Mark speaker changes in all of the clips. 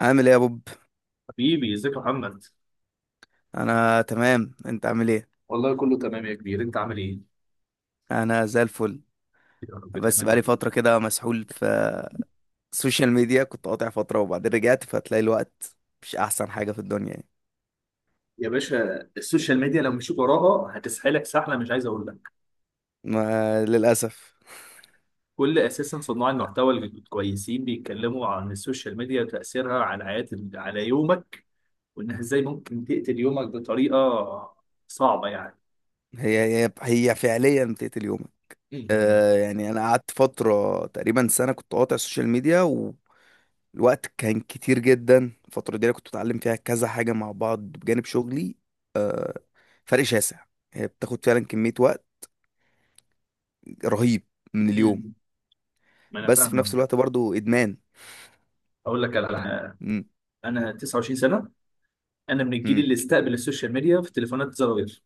Speaker 1: عامل ايه يا بوب؟
Speaker 2: حبيبي ازيك يا محمد.
Speaker 1: انا تمام. انت عامل ايه؟
Speaker 2: والله كله تمام يا كبير، انت عامل ايه؟
Speaker 1: انا زي الفل.
Speaker 2: يا رب
Speaker 1: بس بقالي
Speaker 2: تعملها.
Speaker 1: فتره كده مسحول في السوشيال ميديا، كنت قاطع فتره وبعدين رجعت، فتلاقي الوقت مش احسن حاجه في الدنيا يعني.
Speaker 2: يا باشا، السوشيال ميديا لو مشيت وراها هتسحلك سحله، مش عايز اقول لك.
Speaker 1: ما للاسف.
Speaker 2: اساسا صناع المحتوى الكويسين بيتكلموا عن السوشيال ميديا وتاثيرها على حياه، على يومك، وانها ازاي ممكن تقتل يومك بطريقه صعبه يعني.
Speaker 1: هي هي هي فعليا بتقتل يومك.
Speaker 2: مم.
Speaker 1: آه يعني انا قعدت فتره تقريبا سنه كنت قاطع السوشيال ميديا والوقت كان كتير جدا. الفتره دي أنا كنت بتعلم فيها كذا حاجه مع بعض بجانب شغلي. فرق شاسع. هي بتاخد فعلا كميه وقت رهيب من اليوم.
Speaker 2: مم. ما انا
Speaker 1: بس في نفس
Speaker 2: فاهمك.
Speaker 1: الوقت برضو ادمان.
Speaker 2: اقول لك على حاجه.
Speaker 1: امم.
Speaker 2: انا 29 سنه. انا من الجيل
Speaker 1: امم.
Speaker 2: اللي استقبل السوشيال ميديا في تليفونات زراير.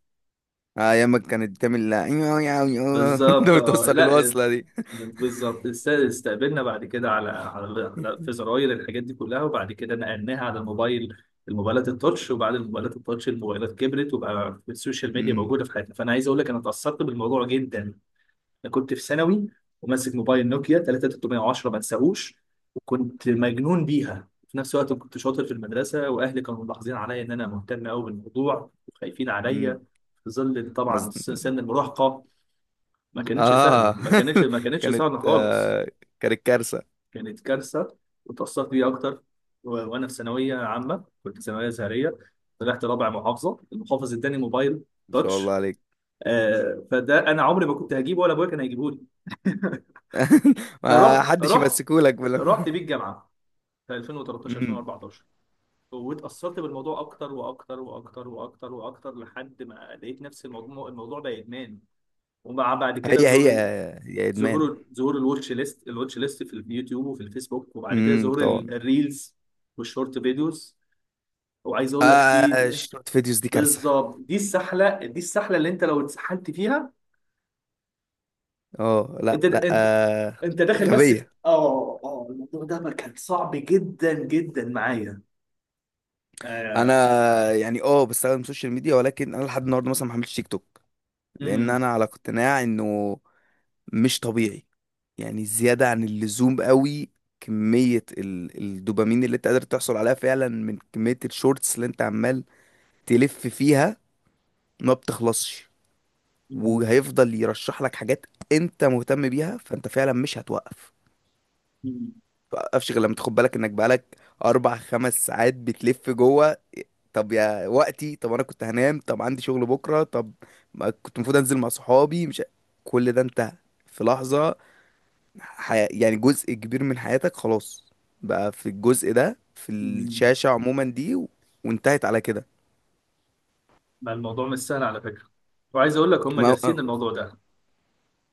Speaker 1: آه، ايام ما كانت بتعمل لا.
Speaker 2: بالظبط،
Speaker 1: ده بتوصل
Speaker 2: لا،
Speaker 1: الوصله دي.
Speaker 2: بالظبط استقبلنا بعد كده في زراير الحاجات دي كلها، وبعد كده نقلناها على الموبايلات التاتش، وبعد الموبايلات التاتش الموبايلات كبرت وبقى السوشيال ميديا
Speaker 1: امم.
Speaker 2: موجوده في حياتنا. فانا عايز اقول لك انا اتاثرت بالموضوع جدا. انا كنت في ثانوي وماسك موبايل نوكيا 3310 ما انساهوش، وكنت مجنون بيها. في نفس الوقت كنت شاطر في المدرسه، واهلي كانوا ملاحظين عليا ان انا مهتم قوي بالموضوع وخايفين
Speaker 1: امم.
Speaker 2: عليا في ظل
Speaker 1: مظ...
Speaker 2: طبعا سن المراهقه. ما كانتش سهله،
Speaker 1: اه.
Speaker 2: ما كانتش ما كانتش
Speaker 1: كانت
Speaker 2: سهله خالص.
Speaker 1: آه كانت كارثه.
Speaker 2: كانت كارثه. واتأثرت بيها اكتر. وانا في ثانويه عامه، كنت ثانويه ازهريه، طلعت رابع محافظه، المحافظ اداني موبايل
Speaker 1: ما شاء الله
Speaker 2: تاتش.
Speaker 1: عليك.
Speaker 2: فده انا عمري ما كنت هجيبه ولا ابويا كان هيجيبه لي.
Speaker 1: ما
Speaker 2: فرحت،
Speaker 1: حدش
Speaker 2: رحت
Speaker 1: يمسكولك بلا.
Speaker 2: رحت بيه الجامعه في 2013
Speaker 1: امم.
Speaker 2: 2014. واتأثرت بالموضوع اكتر واكتر واكتر واكتر واكتر لحد ما لقيت نفس الموضوع، الموضوع بقى ادمان. ومع بعد كده
Speaker 1: هي هي هي ادمان.
Speaker 2: ظهور الواتش ليست في اليوتيوب وفي الفيسبوك، وبعد كده
Speaker 1: امم،
Speaker 2: ظهور
Speaker 1: طبعا.
Speaker 2: الريلز والشورت فيديوز. وعايز اقول لك، في
Speaker 1: آه، شورت فيديوز دي كارثه.
Speaker 2: بالظبط دي السحله اللي انت لو اتسحلت فيها،
Speaker 1: اه،
Speaker 2: انت
Speaker 1: لا لا،
Speaker 2: انت
Speaker 1: آه.
Speaker 2: انت داخل. بس
Speaker 1: غبيه.
Speaker 2: الموضوع ده ما كان صعب جدا جدا معايا. آه.
Speaker 1: انا يعني بستخدم السوشيال ميديا، ولكن انا لحد النهارده مثلا ما حملتش تيك توك. لان
Speaker 2: مم.
Speaker 1: انا على اقتناع انه مش طبيعي، يعني زيادة عن اللزوم قوي. كمية الدوبامين اللي انت قادر تحصل عليها فعلا من كمية الشورتس اللي انت عمال تلف فيها، ما بتخلصش.
Speaker 2: مم.
Speaker 1: وهيفضل يرشح لك حاجات انت مهتم بيها، فانت فعلا مش هتوقف.
Speaker 2: مم.
Speaker 1: متوقفش غير لما تاخد بالك انك بقالك اربع خمس ساعات بتلف جوه. طب يا وقتي، طب انا كنت هنام، طب عندي شغل بكرة، طب ما كنت المفروض انزل مع صحابي، مش ع-. كل ده انت في لحظة، حي... يعني جزء كبير من حياتك خلاص بقى في الجزء ده، في
Speaker 2: مم.
Speaker 1: الشاشة عموما، دي و... وانتهت على كده.
Speaker 2: ما الموضوع مش سهل على فكره. وعايز اقول لك هم
Speaker 1: ما... أه،
Speaker 2: دارسين
Speaker 1: أه،
Speaker 2: الموضوع ده.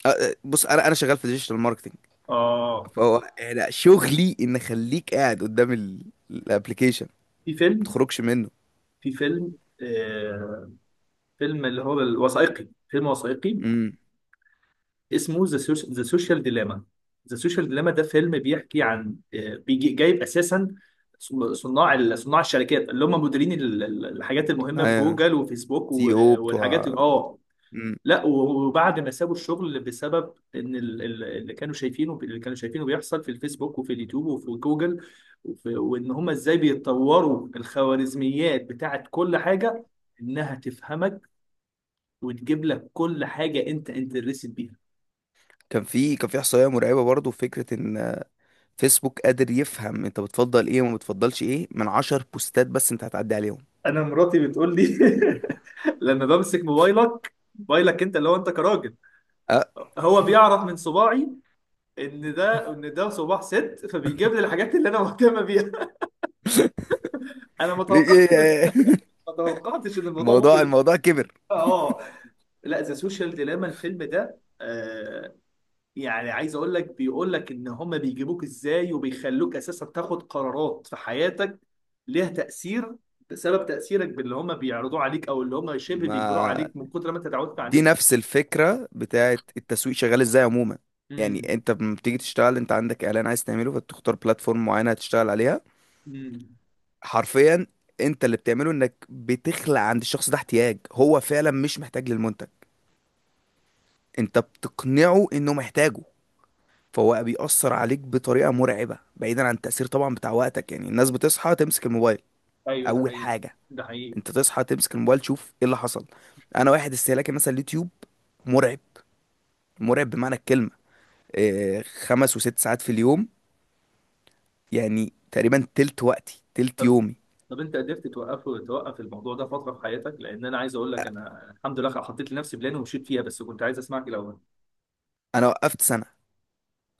Speaker 1: آه، بص، انا شغال في ديجيتال ماركتنج.
Speaker 2: اه،
Speaker 1: فهو أنا شغلي ان اخليك قاعد قدام الابليكيشن،
Speaker 2: في
Speaker 1: ما
Speaker 2: فيلم،
Speaker 1: تخرجش منه.
Speaker 2: في فيلم اللي هو الوثائقي، فيلم وثائقي
Speaker 1: امم.
Speaker 2: اسمه ذا، سوشيال ديلاما. ذا سوشيال ديلاما ده فيلم بيحكي عن بيجي جايب اساسا صناع الشركات اللي هم مديرين الحاجات المهمه في
Speaker 1: ايوه،
Speaker 2: جوجل وفيسبوك
Speaker 1: سي او
Speaker 2: والحاجات.
Speaker 1: بتوع.
Speaker 2: اه،
Speaker 1: امم.
Speaker 2: لا، وبعد ما سابوا الشغل بسبب ان اللي كانوا شايفينه، اللي كانوا شايفينه بيحصل في الفيسبوك وفي اليوتيوب وفي جوجل، وان هم ازاي بيتطوروا الخوارزميات بتاعت كل حاجه، انها تفهمك وتجيب لك كل حاجه انت انترست بيها.
Speaker 1: كان في احصائيه مرعبه برضو. في فكره ان فيسبوك قادر يفهم انت بتفضل ايه وما بتفضلش ايه من 10 بوستات بس انت هتعدي عليهم.
Speaker 2: انا مراتي بتقول لي لما بمسك موبايلك، انت اللي هو انت كراجل،
Speaker 1: أه.
Speaker 2: هو بيعرف من صباعي ان ده، ان ده صباع ست، فبيجيب لي الحاجات اللي انا مهتمه بيها. انا ما توقعش ان ما توقعتش ان الموضوع
Speaker 1: الموضوع
Speaker 2: ممكن يكون.
Speaker 1: الموضوع كبر.
Speaker 2: اه، آه. لا، ذا سوشيال ديلاما الفيلم ده، يعني عايز اقول لك بيقول لك ان هما بيجيبوك ازاي وبيخلوك اساسا تاخد قرارات في حياتك ليها تأثير، بسبب تأثيرك باللي هما بيعرضوه عليك، او اللي هما شبه بيجبروه
Speaker 1: ما
Speaker 2: عليك من كتر ما انت اتعودت
Speaker 1: دي
Speaker 2: عليه.
Speaker 1: نفس الفكرة بتاعت التسويق شغال ازاي عموما.
Speaker 2: امم.
Speaker 1: يعني انت لما بتيجي تشتغل، انت عندك اعلان عايز تعمله، فبتختار بلاتفورم معينة هتشتغل عليها.
Speaker 2: امم.
Speaker 1: حرفيا، انت اللي بتعمله انك بتخلق عند الشخص ده احتياج هو فعلا مش محتاج للمنتج، انت بتقنعه انه محتاجه. فهو بقى بيأثر عليك بطريقة مرعبة، بعيدا عن التأثير طبعا بتاع وقتك. يعني الناس بتصحى تمسك الموبايل
Speaker 2: ايوه ده
Speaker 1: اول
Speaker 2: حقيقي.
Speaker 1: حاجة،
Speaker 2: ده حقيقي.
Speaker 1: انت تصحى تمسك الموبايل تشوف ايه اللي حصل. انا واحد استهلاكي مثلا اليوتيوب، مرعب، مرعب بمعنى الكلمة. آه، خمس وست ساعات في اليوم، يعني تقريبا تلت وقتي، تلت
Speaker 2: طب،
Speaker 1: يومي.
Speaker 2: انت قدرت توقفه، توقف الموضوع ده فترة في حياتك؟ لان انا عايز اقول لك انا الحمد لله حطيت لنفسي بلان ومشيت فيها، بس كنت عايز اسمعك الاول.
Speaker 1: انا وقفت سنة،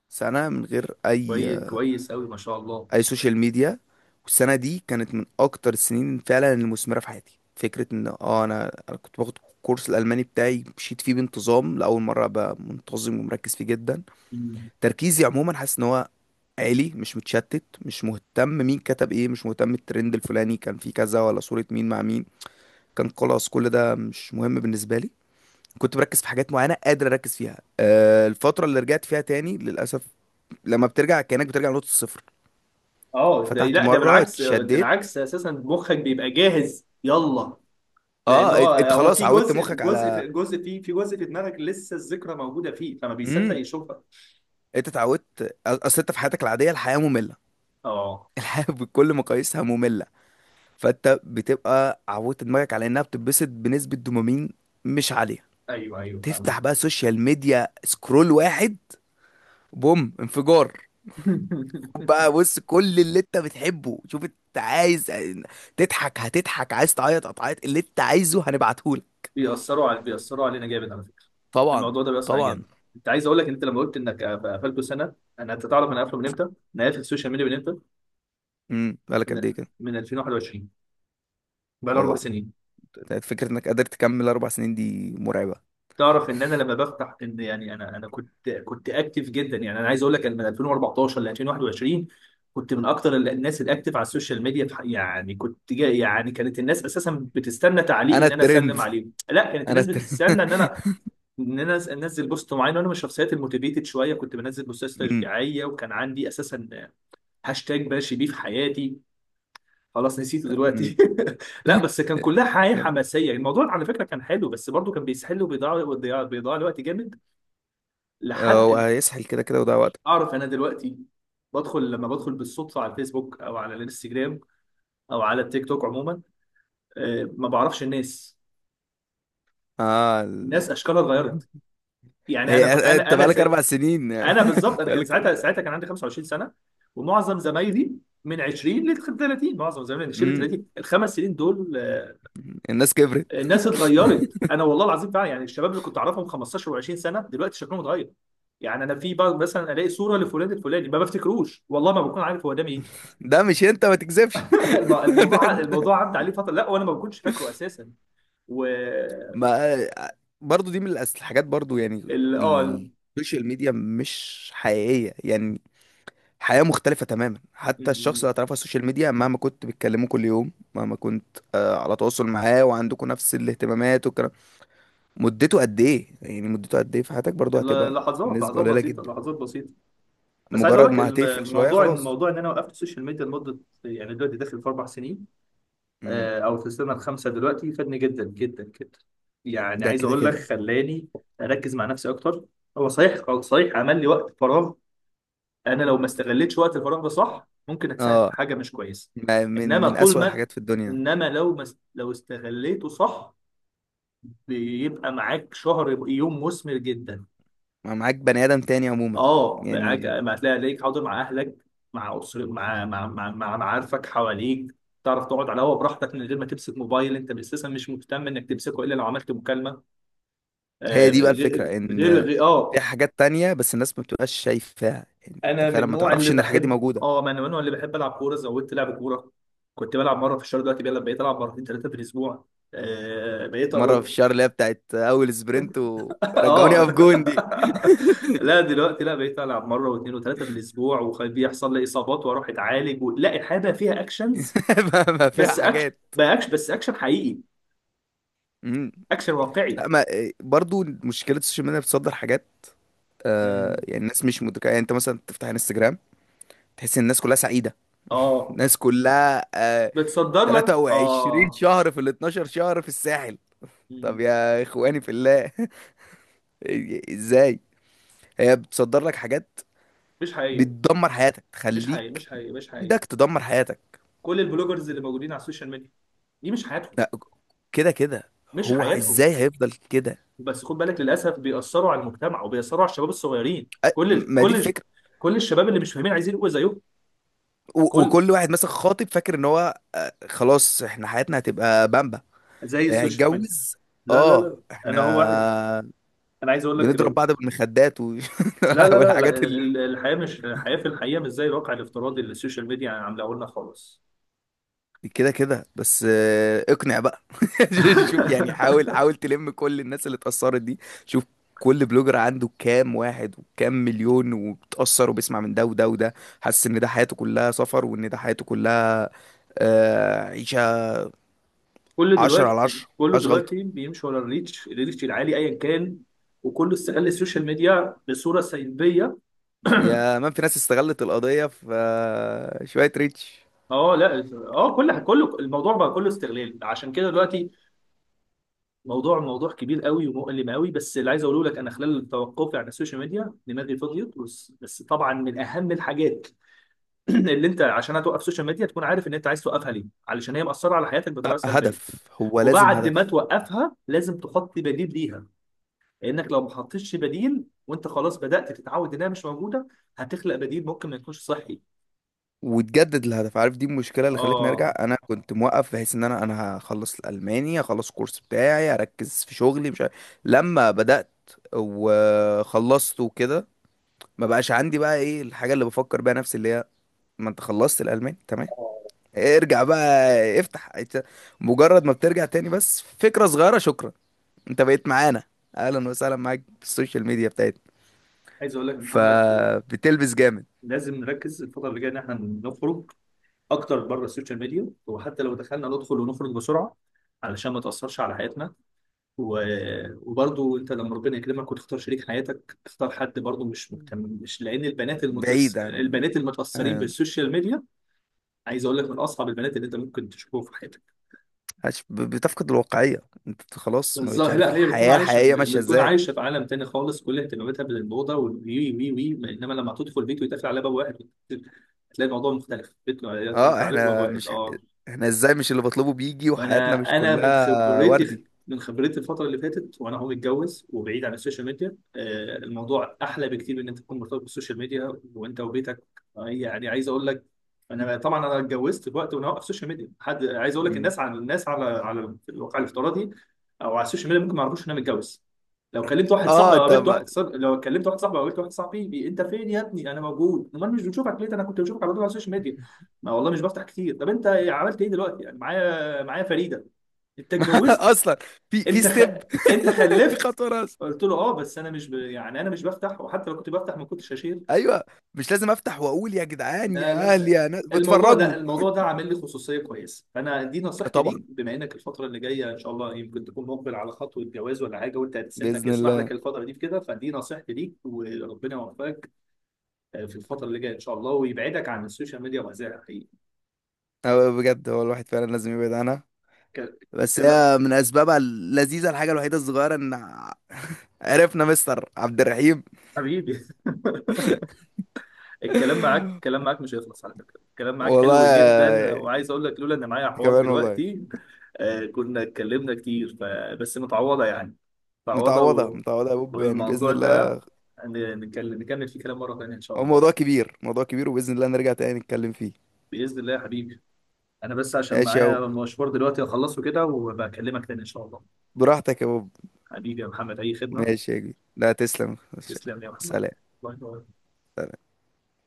Speaker 1: سنة من غير اي
Speaker 2: كويس، كويس قوي ما شاء الله.
Speaker 1: اي سوشيال ميديا. والسنة دي كانت من اكتر السنين فعلا المثمرة في حياتي. فكرة ان انا كنت باخد الكورس الالماني بتاعي، مشيت فيه بانتظام لاول مرة ابقى منتظم ومركز فيه جدا. تركيزي عموما حاسس ان هو عالي، مش متشتت، مش مهتم مين كتب ايه، مش مهتم الترند الفلاني كان فيه كذا ولا صورة مين مع مين. كان خلاص كل ده مش مهم بالنسبة لي. كنت بركز في حاجات معينه قادر اركز فيها. الفتره اللي رجعت فيها تاني للاسف، لما بترجع كانك بترجع لنقطه الصفر.
Speaker 2: اه، ده،
Speaker 1: فتحت
Speaker 2: لا، ده
Speaker 1: مره
Speaker 2: بالعكس، ده
Speaker 1: اتشديت.
Speaker 2: العكس اساسا، مخك بيبقى جاهز، يلا. لان
Speaker 1: اه،
Speaker 2: هو
Speaker 1: انت
Speaker 2: هو
Speaker 1: خلاص
Speaker 2: في
Speaker 1: عودت
Speaker 2: جزء، في
Speaker 1: مخك
Speaker 2: جزء
Speaker 1: على.
Speaker 2: في جزء في في جزء في دماغك لسه الذكرى موجوده فيه، فما بيصدق
Speaker 1: امم.
Speaker 2: يشوفها.
Speaker 1: انت اتعودت. اصل انت في حياتك العاديه الحياه ممله.
Speaker 2: اه.
Speaker 1: الحياه بكل مقاييسها ممله. فانت بتبقى عودت دماغك على انها بتتبسط بنسبه دوبامين مش عاليه.
Speaker 2: ايوه، ايوه،
Speaker 1: تفتح
Speaker 2: فاهم.
Speaker 1: بقى سوشيال ميديا، سكرول واحد، بوم، انفجار. بقى بص كل اللي انت بتحبه، شوف انت عايز تضحك هتضحك، عايز تعيط هتعيط، اللي انت عايزه هنبعتهولك.
Speaker 2: بيأثروا علينا جامد على فكره.
Speaker 1: طبعا.
Speaker 2: الموضوع ده بيأثر علينا
Speaker 1: طبعا.
Speaker 2: جامد. انت عايز اقول لك، انت لما قلت انك قفلته سنه، انا، انت تعرف انا قافله من امتى؟ انا قافل السوشيال ميديا من امتى؟
Speaker 1: امم، بالك
Speaker 2: من
Speaker 1: قد ايه كده.
Speaker 2: من 2021. بقى لي اربع
Speaker 1: واو.
Speaker 2: سنين
Speaker 1: فكرة انك قادر تكمل 4 سنين دي مرعبة.
Speaker 2: تعرف ان انا لما بفتح، ان يعني انا كنت اكتف جدا. يعني انا عايز اقول لك أنا من 2014 ل 2021 كنت من اكتر الناس الاكتف على السوشيال ميديا في يعني كنت جا، يعني كانت الناس اساسا بتستنى تعليق،
Speaker 1: انا
Speaker 2: ان انا
Speaker 1: الترند،
Speaker 2: اسلم عليهم. لا، كانت
Speaker 1: انا
Speaker 2: الناس
Speaker 1: الترند.
Speaker 2: بتستنى ان انا، انزل بوست معين. وانا من الشخصيات الموتيفيتد شويه، كنت بنزل بوستات
Speaker 1: امم.
Speaker 2: تشجيعيه، وكان عندي اساسا هاشتاج ماشي بيه في حياتي، خلاص نسيته
Speaker 1: امم.
Speaker 2: دلوقتي. لا بس كان كلها حياه
Speaker 1: كان.
Speaker 2: حماسيه، الموضوع على فكره كان حلو، بس برضه كان بيسحل وبيضيع، بيضيع الوقت جامد.
Speaker 1: اه، هو
Speaker 2: لحد،
Speaker 1: هيسحل كده كده وده وقت.
Speaker 2: اعرف انا دلوقتي لما بدخل بالصدفه على الفيسبوك او على الانستجرام او على التيك توك عموما، ما بعرفش الناس،
Speaker 1: اه، ال...
Speaker 2: الناس اشكالها اتغيرت. يعني انا ك-
Speaker 1: هي
Speaker 2: انا
Speaker 1: انت
Speaker 2: انا
Speaker 1: بقالك
Speaker 2: سي...
Speaker 1: 4 سنين،
Speaker 2: انا بالظبط.
Speaker 1: انت
Speaker 2: انا كان
Speaker 1: بقالك اربع.
Speaker 2: ساعتها، كان عندي 25 سنه، ومعظم زمايلي من 20 ل 30، معظم زمايلي من 20 ل
Speaker 1: امم.
Speaker 2: 30 الخمس سنين دول،
Speaker 1: الناس كبرت.
Speaker 2: الناس اتغيرت. انا والله العظيم فعلا يعني الشباب اللي كنت اعرفهم 15 و20 سنه دلوقتي شكلهم اتغير. يعني انا في بعض، مثلا الاقي صوره لفلان الفلاني ما بفتكروش، والله ما بكون عارف هو ده مين.
Speaker 1: ده مش انت ما تكذبش.
Speaker 2: الموضوع
Speaker 1: ده, ده.
Speaker 2: الموضوع عدى عليه فتره، لا وانا ما كنتش فاكره اساسا. و
Speaker 1: ما برضو دي من الحاجات برضو يعني،
Speaker 2: ال اه ال-
Speaker 1: السوشيال ميديا مش حقيقية يعني. حياة مختلفة تماما.
Speaker 2: م-
Speaker 1: حتى الشخص اللي
Speaker 2: م.
Speaker 1: هتعرفه على السوشيال ميديا مهما كنت بتكلمه كل يوم، مهما كنت على تواصل معاه وعندكم نفس الاهتمامات والكلام، مدته قد ايه يعني مدته قد ايه في حياتك برضو؟
Speaker 2: ال-
Speaker 1: هتبقى
Speaker 2: لحظات،
Speaker 1: نسبة
Speaker 2: لحظات
Speaker 1: قليلة
Speaker 2: بسيطه
Speaker 1: جدا.
Speaker 2: لحظات بسيطه بس عايز اقول
Speaker 1: مجرد
Speaker 2: لك
Speaker 1: ما هتقفل شوية
Speaker 2: الموضوع ان،
Speaker 1: خلاص.
Speaker 2: موضوع ان انا وقفت السوشيال ميديا لمده، يعني دلوقتي داخل في 4 سنين،
Speaker 1: مم.
Speaker 2: او في السنه الخامسه دلوقتي، فادني جدا جدا جدا. يعني
Speaker 1: ده
Speaker 2: عايز
Speaker 1: كده
Speaker 2: اقول لك
Speaker 1: كده.
Speaker 2: خلاني اركز مع نفسي اكتر، هو صحيح، صحيح عمل لي وقت فراغ. انا لو ما استغلتش وقت الفراغ ده صح، ممكن اتساعد في
Speaker 1: اه،
Speaker 2: حاجه مش كويسه.
Speaker 1: ما- من
Speaker 2: انما
Speaker 1: من
Speaker 2: طول
Speaker 1: أسوأ
Speaker 2: ما،
Speaker 1: الحاجات في الدنيا،
Speaker 2: انما لو ما است- لو استغليته صح، بيبقى معاك شهر يوم مثمر جدا.
Speaker 1: ما معاك بني آدم تاني عموما.
Speaker 2: اه معاك،
Speaker 1: يعني
Speaker 2: ما هتلاقي عليك حاضر مع اهلك، مع اسر، مع مع مع, مع معارفك حواليك. تعرف تقعد على الهوا براحتك من غير ما تمسك موبايل، انت اساسا مش مهتم انك تمسكه الا لو عملت مكالمه. آه
Speaker 1: هي دي بقى
Speaker 2: غير
Speaker 1: الفكرة،
Speaker 2: غير
Speaker 1: ان
Speaker 2: غير-
Speaker 1: في
Speaker 2: اه
Speaker 1: حاجات تانية بس الناس ما بتبقاش شايفاها. يعني انت
Speaker 2: انا من
Speaker 1: فعلا ما
Speaker 2: النوع اللي
Speaker 1: تعرفش ان الحاجات دي
Speaker 2: بحب،
Speaker 1: موجودة.
Speaker 2: ما انا من النوع اللي بحب العب كوره، زودت لعب كوره. كنت بلعب مره في الشهر، دلوقتي بقيت العب مرتين ثلاثه في الاسبوع. آه، بقيت
Speaker 1: مرة في
Speaker 2: اروح.
Speaker 1: الشهر اللي هي بتاعت اول سبرنت ورجعوني
Speaker 2: اه.
Speaker 1: اقف جون دي.
Speaker 2: لا، دلوقتي، لا، بقيت العب مره واثنين وثلاثه في الاسبوع، وبيحصل لي اصابات واروح اتعالج لا الحياه بقى فيها اكشنز،
Speaker 1: ما فيها
Speaker 2: بس اكشن،
Speaker 1: حاجات.
Speaker 2: بقى اكشن، بس اكشن حقيقي،
Speaker 1: مم.
Speaker 2: اكشن واقعي.
Speaker 1: لا، ما برضو مشكلة السوشيال ميديا بتصدر حاجات. آه
Speaker 2: امم.
Speaker 1: يعني الناس مش مدركة. يعني انت مثلا تفتح انستجرام، تحس ان الناس كلها سعيدة،
Speaker 2: اه،
Speaker 1: الناس كلها
Speaker 2: بتصدر لك،
Speaker 1: 23
Speaker 2: اه.
Speaker 1: شهر في ال 12 شهر في الساحل. طب
Speaker 2: مم.
Speaker 1: يا اخواني في الله، ازاي؟ هي بتصدر لك حاجات
Speaker 2: مش حقيقي
Speaker 1: بتدمر حياتك،
Speaker 2: مش حقيقي
Speaker 1: تخليك
Speaker 2: مش حقيقي مش حقيقي.
Speaker 1: بايدك تدمر حياتك.
Speaker 2: كل البلوجرز اللي موجودين على السوشيال ميديا دي مش حياتهم.
Speaker 1: لا، كده كده
Speaker 2: مش
Speaker 1: هو
Speaker 2: حياتهم.
Speaker 1: ازاي هيفضل كده.
Speaker 2: بس خد بالك، للاسف بيأثروا على المجتمع وبيأثروا على الشباب الصغيرين.
Speaker 1: أ-
Speaker 2: كل
Speaker 1: ما دي
Speaker 2: كل
Speaker 1: الفكره.
Speaker 2: كل الشباب اللي مش فاهمين عايزين يبقوا زيهم،
Speaker 1: و-
Speaker 2: كل،
Speaker 1: وكل واحد مثلا خاطب فاكر ان هو خلاص احنا حياتنا هتبقى بامبا.
Speaker 2: زي السوشيال ميديا.
Speaker 1: هيتجوز.
Speaker 2: لا، لا،
Speaker 1: اه،
Speaker 2: لا. انا هو واحد.
Speaker 1: احنا
Speaker 2: انا عايز اقول لك
Speaker 1: بنضرب بعض بالمخدات
Speaker 2: لا، لا، لا، لا،
Speaker 1: والحاجات.
Speaker 2: الحياه مش، الحياه في الحقيقه مش زي الواقع الافتراضي اللي السوشيال ميديا عاملاه لنا خالص.
Speaker 1: كده كده بس اقنع بقى. شوف يعني، حاول حاول تلم كل الناس اللي اتأثرت دي. شوف، كل بلوجر عنده كام واحد وكام مليون وبتأثر وبيسمع من ده وده وده، حاسس ان ده حياته كلها سفر، وان ده حياته كلها عيشة
Speaker 2: كل
Speaker 1: عشرة على
Speaker 2: دلوقتي
Speaker 1: عشرة
Speaker 2: كله
Speaker 1: مفيهاش غلطة.
Speaker 2: دلوقتي بيمشي ورا الريتش، الريتش العالي ايا كان، وكله استغل السوشيال ميديا بصوره سلبيه.
Speaker 1: يا مان في ناس استغلت القضية في شوية ريتش.
Speaker 2: اه، لا، اه، كل، كله الموضوع بقى كله استغلال، عشان كده دلوقتي موضوع كبير قوي ومؤلم قوي. بس اللي عايز اقوله لك انا خلال توقفي على السوشيال ميديا دماغي فضيت، بس طبعا من اهم الحاجات اللي انت عشان هتوقف السوشيال ميديا تكون عارف ان انت عايز توقفها ليه، علشان هي مأثره على حياتك بطريقه
Speaker 1: آه،
Speaker 2: سلبيه.
Speaker 1: هدف، هو لازم
Speaker 2: وبعد ما
Speaker 1: هدف.
Speaker 2: توقفها لازم تحط بديل ليها، لانك لو ما حطيتش بديل وانت خلاص بدأت تتعود انها مش موجوده، هتخلق بديل ممكن ما يكونش صحي.
Speaker 1: وتجدد الهدف، عارف؟ دي المشكله اللي خلتني ارجع.
Speaker 2: اه.
Speaker 1: انا كنت موقف بحيث ان انا هخلص الالماني، هخلص الكورس بتاعي، هركز في شغلي مش عارف. لما بدات وخلصت وكده، ما بقاش عندي بقى ايه الحاجه اللي بفكر بيها نفسي، اللي هي ما انت خلصت الالماني تمام، ارجع بقى، افتح إنت. مجرد ما بترجع تاني بس، فكره صغيره، شكرا انت بقيت معانا، اهلا وسهلا معاك في السوشيال ميديا بتاعتنا.
Speaker 2: عايز اقول لك يا محمد،
Speaker 1: فبتلبس جامد.
Speaker 2: لازم نركز الفترة اللي جاية إن إحنا نخرج أكتر بره السوشيال ميديا، وحتى لو دخلنا ندخل ونخرج بسرعة علشان ما تأثرش على حياتنا. و... وبرضو أنت لما ربنا يكرمك وتختار شريك حياتك، اختار حد برضو مش مهتم. مش لأن البنات
Speaker 1: بعيد عن
Speaker 2: البنات المتأثرين
Speaker 1: آه،
Speaker 2: بالسوشيال ميديا، عايز أقول لك، من أصعب البنات اللي أنت ممكن تشوفهم في حياتك.
Speaker 1: بتفقد الواقعية. انت خلاص ما بقتش
Speaker 2: بالظبط،
Speaker 1: عارف
Speaker 2: لا، هي بتكون
Speaker 1: الحياة
Speaker 2: عايشة،
Speaker 1: الحقيقية ماشية
Speaker 2: بتكون
Speaker 1: ازاي.
Speaker 2: عايشة في عالم تاني خالص، كل اهتماماتها بالموضة والوي وي وي. إنما لما تدخل بيت ويتقفل عليها باب واحد، هتلاقي الموضوع مختلف. بيت
Speaker 1: اه،
Speaker 2: يقفل عليكم باب
Speaker 1: احنا
Speaker 2: واحد،
Speaker 1: مش ح...
Speaker 2: اه.
Speaker 1: احنا ازاي مش اللي بطلبه بيجي وحياتنا
Speaker 2: فانا
Speaker 1: مش
Speaker 2: انا من
Speaker 1: كلها
Speaker 2: خبرتي،
Speaker 1: وردي.
Speaker 2: من خبرتي الفتره اللي فاتت وانا متجوز وبعيد عن السوشيال ميديا، الموضوع احلى بكتير ان انت تكون مرتبط بالسوشيال ميديا وانت وبيتك. يعني عايز اقول لك، انا طبعا انا اتجوزت في وقت وانا واقف سوشيال ميديا، حد عايز اقول لك
Speaker 1: مم.
Speaker 2: الناس على، الناس على الواقع الافتراضي او على السوشيال ميديا ممكن ما يعرفوش ان انا متجوز. لو كلمت واحد صاحبي
Speaker 1: اه،
Speaker 2: او
Speaker 1: انت
Speaker 2: قابلت
Speaker 1: ما...
Speaker 2: واحد صاحبي، لو كلمت واحد صاحبي او قابلت واحد صاحبي انت فين يا ابني، انا موجود، امال مش بنشوفك ليه؟ ده انا كنت بشوفك على طول على السوشيال ميديا. ما والله مش بفتح كتير. طب انت عملت ايه دلوقتي؟ يعني معايا، معايا فريده. انت اتجوزت.
Speaker 1: اصلا في
Speaker 2: انت خ...
Speaker 1: ستيب،
Speaker 2: انت
Speaker 1: في
Speaker 2: خلفت.
Speaker 1: خطوة راس.
Speaker 2: قلت له، اه، بس انا مش ب... يعني انا مش بفتح، وحتى لو كنت بفتح ما كنتش هشير.
Speaker 1: ايوه، مش لازم افتح واقول يا جدعان
Speaker 2: لا،
Speaker 1: يا اهل
Speaker 2: لا.
Speaker 1: يا ناس
Speaker 2: الموضوع ده،
Speaker 1: بتفرجوا.
Speaker 2: الموضوع ده عامل لي خصوصيه كويسه. فانا دي نصيحتي ليك،
Speaker 1: طبعا.
Speaker 2: بما انك الفتره اللي جايه ان شاء الله يمكن تكون مقبل على خطوه جواز ولا حاجه، سنك
Speaker 1: بإذن
Speaker 2: يسمح
Speaker 1: الله.
Speaker 2: لك الفتره دي في كده، فدي نصيحتي ليك. وربنا يوفقك في الفتره اللي جايه ان شاء الله، ويبعدك عن السوشيال ميديا، وهذا حقيقي.
Speaker 1: هو بجد، هو الواحد فعلا لازم يبعد عنها.
Speaker 2: ك...
Speaker 1: بس
Speaker 2: كلا-
Speaker 1: هي من اسبابها اللذيذة الحاجة الوحيدة الصغيرة ان عرفنا مستر عبد الرحيم.
Speaker 2: حبيبي. الكلام معاك، الكلام معاك مش هيخلص على فكرة. الكلام معاك
Speaker 1: والله
Speaker 2: حلو جدا،
Speaker 1: يا-.
Speaker 2: وعايز اقول لك لولا ان معايا
Speaker 1: انت
Speaker 2: حوار
Speaker 1: كمان والله.
Speaker 2: دلوقتي، كنا اتكلمنا كتير بس متعوضة يعني، متعوضة
Speaker 1: متعوضة، متعوضة يا بوب يعني بإذن
Speaker 2: والموضوع ده
Speaker 1: الله.
Speaker 2: نتكلم نكمل فيه كلام مرة تانية ان شاء
Speaker 1: هو موضوع
Speaker 2: الله.
Speaker 1: كبير، موضوع كبير، وبإذن الله نرجع تاني نتكلم فيه.
Speaker 2: بإذن الله يا حبيبي. انا بس عشان
Speaker 1: ماشي يا
Speaker 2: معايا
Speaker 1: بوب،
Speaker 2: مشوار دلوقتي اخلصه كده، وبكلمك تاني ان شاء الله.
Speaker 1: براحتك يا بوب.
Speaker 2: حبيبي يا محمد، اي خدمة.
Speaker 1: ماشي يا كبير، لا تسلم.
Speaker 2: تسلم لي يا محمد.
Speaker 1: سلام.
Speaker 2: الله يبارك.